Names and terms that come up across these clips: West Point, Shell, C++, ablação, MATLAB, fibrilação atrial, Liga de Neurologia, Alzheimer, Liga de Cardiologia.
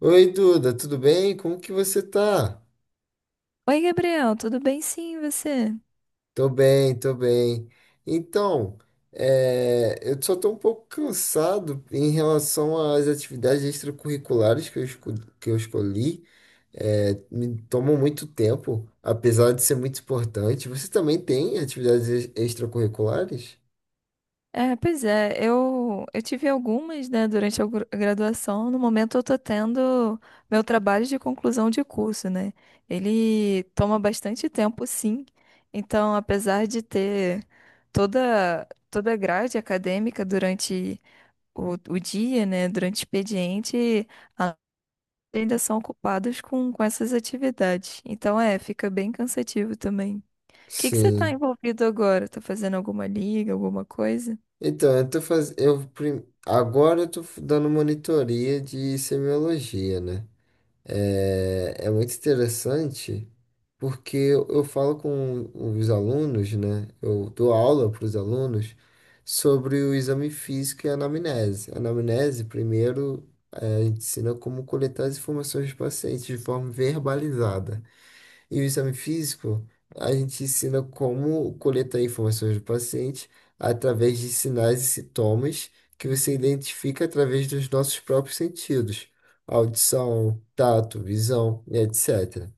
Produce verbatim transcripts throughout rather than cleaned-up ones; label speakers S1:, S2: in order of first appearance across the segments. S1: Oi, Duda, tudo bem? Como que você tá?
S2: Oi, Gabriel, tudo bem? Sim, e você?
S1: Tô bem, tô bem. Então, é, eu só tô um pouco cansado em relação às atividades extracurriculares que eu, esco- que eu escolhi. É, me tomam muito tempo, apesar de ser muito importante. Você também tem atividades ex- extracurriculares?
S2: É, pois é, eu, eu tive algumas, né, durante a gru- graduação. No momento eu tô tendo meu trabalho de conclusão de curso, né? Ele toma bastante tempo, sim. Então, apesar de ter toda toda a grade acadêmica durante o, o dia, né, durante o expediente, a- ainda são ocupados com, com essas atividades. Então, é, fica bem cansativo também. que que você está
S1: Sim.
S2: envolvido agora? Tá fazendo alguma liga, alguma coisa?
S1: Então, eu tô fazendo. Eu, prim- agora eu tô f- dando monitoria de semiologia, né? É, é muito interessante porque eu, eu falo com os alunos, né? Eu dou aula para os alunos sobre o exame físico e a anamnese. A anamnese, primeiro, é, a gente ensina como coletar as informações do paciente de forma verbalizada. E o exame físico, a gente ensina como coletar informações do paciente através de sinais e sintomas que você identifica através dos nossos próprios sentidos, audição, tato, visão, etcétera.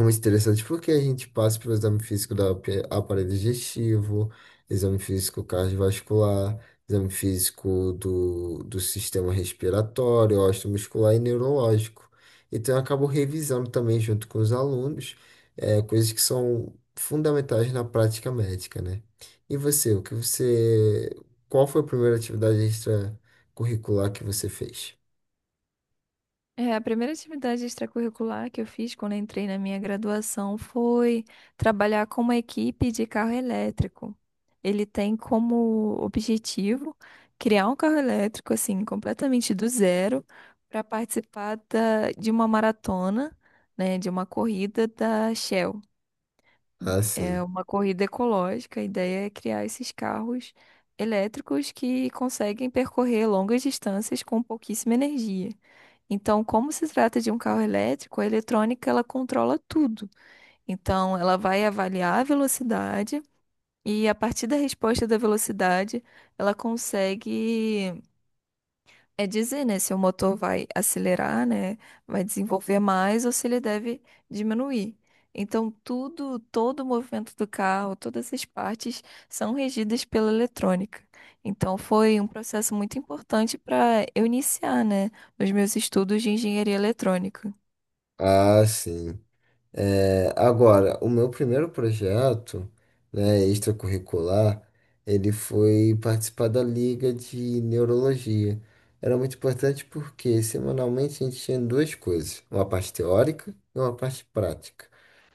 S1: Muito interessante porque a gente passa pelo exame físico do aparelho digestivo, exame físico cardiovascular, exame físico do, do sistema respiratório, osteomuscular e neurológico. Então, eu acabo revisando também junto com os alunos, eh, coisas que são fundamentais na prática médica, né? E você, o que você, qual foi a primeira atividade extracurricular que você fez?
S2: É, a primeira atividade extracurricular que eu fiz quando eu entrei na minha graduação foi trabalhar com uma equipe de carro elétrico. Ele tem como objetivo criar um carro elétrico, assim, completamente do zero, para participar da- de uma maratona, né, de uma corrida da Shell.
S1: Ah,
S2: É
S1: sim.
S2: uma corrida ecológica. A ideia é criar esses carros elétricos que conseguem percorrer longas distâncias com pouquíssima energia. Então, como se trata de um carro elétrico, a eletrônica ela controla tudo. Então, ela vai avaliar a velocidade e a partir da resposta da velocidade, ela consegue é dizer, né, se o motor vai acelerar, né, vai desenvolver mais ou se ele deve diminuir. Então, tudo, todo o movimento do carro, todas as partes são regidas pela eletrônica. Então, foi um processo muito importante para eu iniciar, né, nos meus estudos de engenharia eletrônica.
S1: Ah, sim. É, agora, o meu primeiro projeto, né, extracurricular, ele foi participar da Liga de Neurologia. Era muito importante porque semanalmente a gente tinha duas coisas, uma parte teórica e uma parte prática.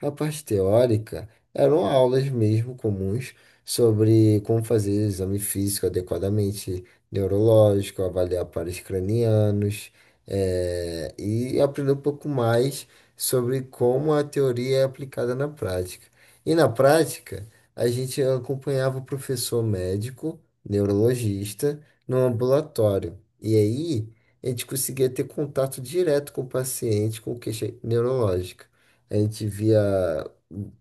S1: A parte teórica eram aulas mesmo comuns sobre como fazer exame físico adequadamente, neurológico, avaliar pares cranianos, é, e aprender um pouco mais sobre como a teoria é aplicada na prática. E na prática, a gente acompanhava o professor médico, neurologista, no ambulatório. E aí, a gente conseguia ter contato direto com o paciente com queixa neurológica. A gente via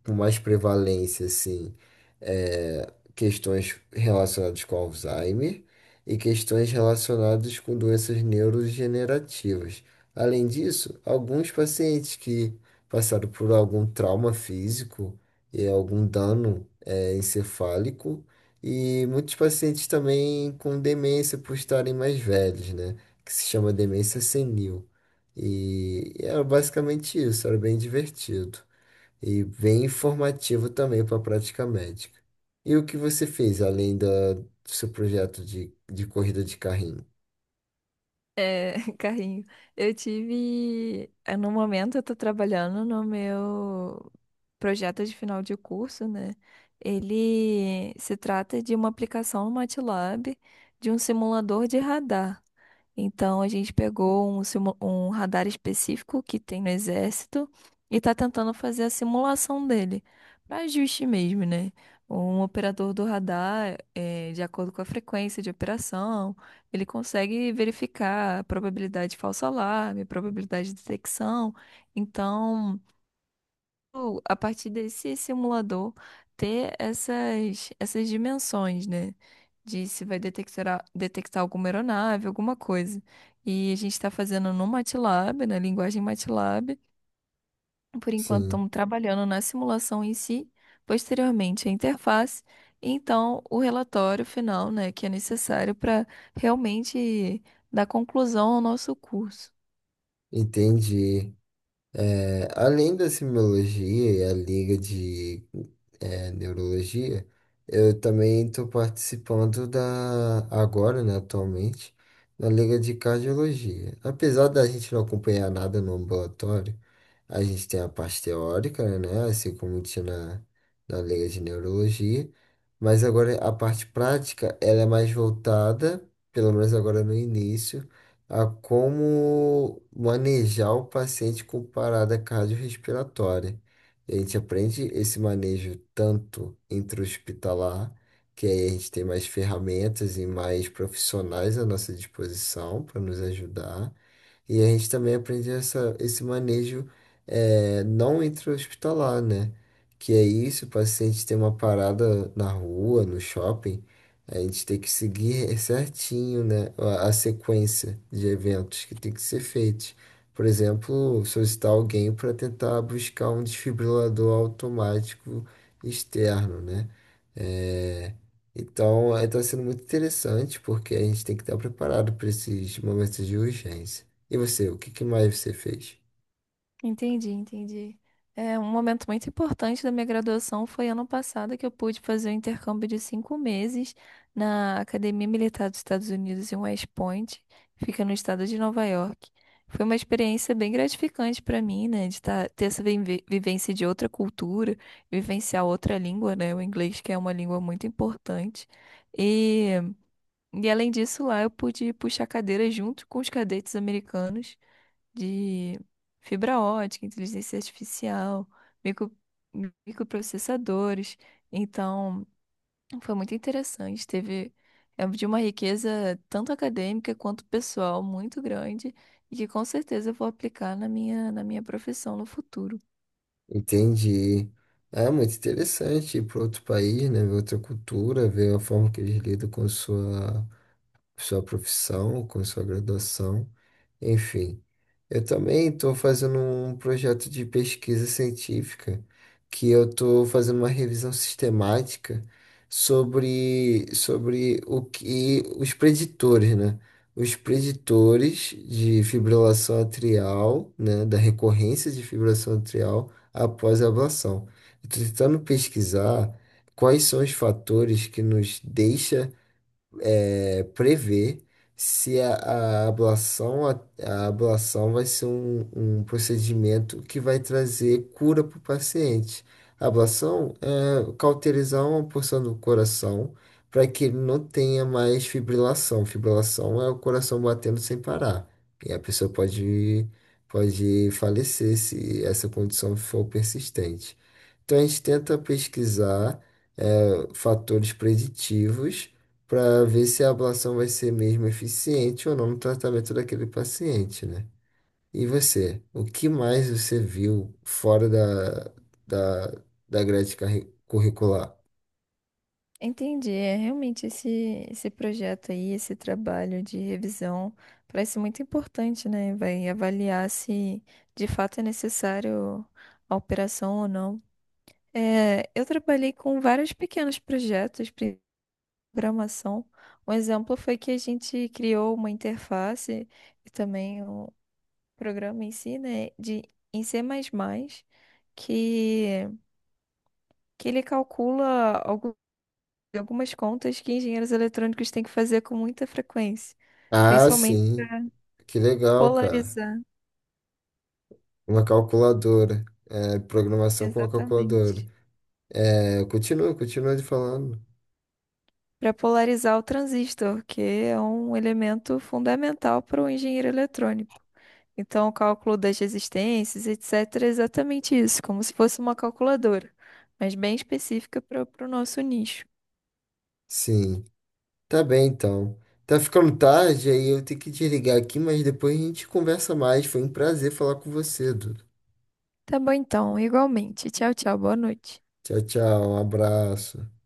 S1: com mais prevalência, assim, eh, questões relacionadas com Alzheimer e questões relacionadas com doenças neurodegenerativas. Além disso, alguns pacientes que passaram por algum trauma físico e algum dano eh, encefálico, e muitos pacientes também com demência por estarem mais velhos, né? Que se chama demência senil. E era basicamente isso, era bem divertido e bem informativo também para a prática médica. E o que você fez além da- do seu projeto de, de corrida de carrinho?
S2: É, carrinho. Eu tive. eh, No momento, eu tô trabalhando no meu projeto de final de curso, né? Ele se trata de uma aplicação no MATLAB de um simulador de radar. Então a gente pegou um, simu- um radar específico que tem no exército e está tentando fazer a simulação dele, para ajuste mesmo, né? Um operador do radar, eh, de acordo com a frequência de operação, ele consegue verificar a probabilidade de falso alarme, a probabilidade de detecção. Então, a partir desse simulador, ter essas, essas dimensões, né? De se vai detectar, detectar alguma aeronave, alguma coisa. E a gente está fazendo no MATLAB, na linguagem MATLAB. Por enquanto,
S1: Sim,
S2: estamos trabalhando na simulação em si, posteriormente a interface, e então o relatório final, né, que é necessário para realmente dar conclusão ao nosso curso.
S1: entendi. É, além da semiologia e a liga de é, neurologia, eu também estou participando da agora, né, atualmente, na liga de cardiologia. Apesar da gente não acompanhar nada no ambulatório, a gente tem a parte teórica, né, assim como tinha na, na liga de neurologia, mas agora a parte prática, ela é mais voltada, pelo menos agora no início a como manejar o paciente com parada cardiorrespiratória. E a gente aprende esse manejo tanto intra-hospitalar, que aí a gente tem mais ferramentas e mais profissionais à nossa disposição para nos ajudar. E a gente também aprende essa, esse manejo eh, não intra-hospitalar, né? Que é isso, o paciente tem uma parada na rua, no shopping, a gente tem que seguir certinho, né, a a sequência de eventos que tem que ser feitos. Por exemplo, solicitar alguém para tentar buscar um desfibrilador automático externo, né? É, então, está sendo muito interessante porque a gente tem que estar preparado para esses momentos de urgência. E você, o que que mais você fez?
S2: Entendi, entendi. É, um momento muito importante da minha graduação foi ano passado que eu pude fazer um intercâmbio de cinco meses na Academia Militar dos Estados Unidos em West Point, que fica no estado de Nova York. Foi uma experiência bem gratificante para mim, né, de tá- ter essa vive- vivência de outra cultura, vivenciar outra língua, né, o inglês que é uma língua muito importante. E, e além disso, lá eu pude puxar cadeira junto com os cadetes americanos de fibra ótica, inteligência artificial, micro, microprocessadores. Então, foi muito interessante. Teve é de uma riqueza tanto acadêmica quanto pessoal muito grande e que com certeza eu vou aplicar na minha, na minha profissão no futuro.
S1: Entendi. É muito interessante ir para outro país, né? Ver outra cultura, ver a forma que eles lidam com sua sua profissão, com sua graduação, enfim. Eu também estou fazendo um projeto de pesquisa científica, que eu estou fazendo uma revisão sistemática sobre, sobre o que os preditores, né? Os preditores de fibrilação atrial, né? Da recorrência de fibrilação atrial após a ablação. Estou tentando pesquisar quais são os fatores que nos deixam é, prever se a, a ablação, a, a ablação vai ser um, um procedimento que vai trazer cura para o paciente. A ablação é cauterizar uma porção do coração para que ele não tenha mais fibrilação. Fibrilação é o coração batendo sem parar. E a pessoa pode, pode falecer se essa condição for persistente. Então a gente tenta pesquisar eh, fatores preditivos para ver se a ablação vai ser mesmo eficiente ou não no tratamento daquele paciente, né? E você, o que mais você viu fora da, da, da grade carri- curricular?
S2: Entendi, é realmente esse, esse, projeto aí, esse trabalho de revisão parece muito importante, né? Vai avaliar se de fato é necessário a operação ou não. É, eu trabalhei com vários pequenos projetos de programação. Um exemplo foi que a gente criou uma interface e também um programa em si, né, de, em C++, que, que ele calcula algu- algumas contas que engenheiros eletrônicos têm que fazer com muita frequência,
S1: Ah,
S2: principalmente
S1: sim, que legal, cara.
S2: polarizar,
S1: Uma calculadora, é, programação com uma calculadora.
S2: exatamente.
S1: É, continua, continua de falando.
S2: Para polarizar o transistor, que é um elemento fundamental para o engenheiro eletrônico. Então, o cálculo das resistências, etcetera, é exatamente isso, como se fosse uma calculadora, mas bem específica para o nosso nicho.
S1: Sim, tá bem então. Tá ficando tarde, aí eu tenho que desligar aqui, mas depois a gente conversa mais. Foi um prazer falar com você, Du.
S2: Tá bom, então, igualmente. Tchau, tchau, boa noite.
S1: Tchau, tchau. Um abraço.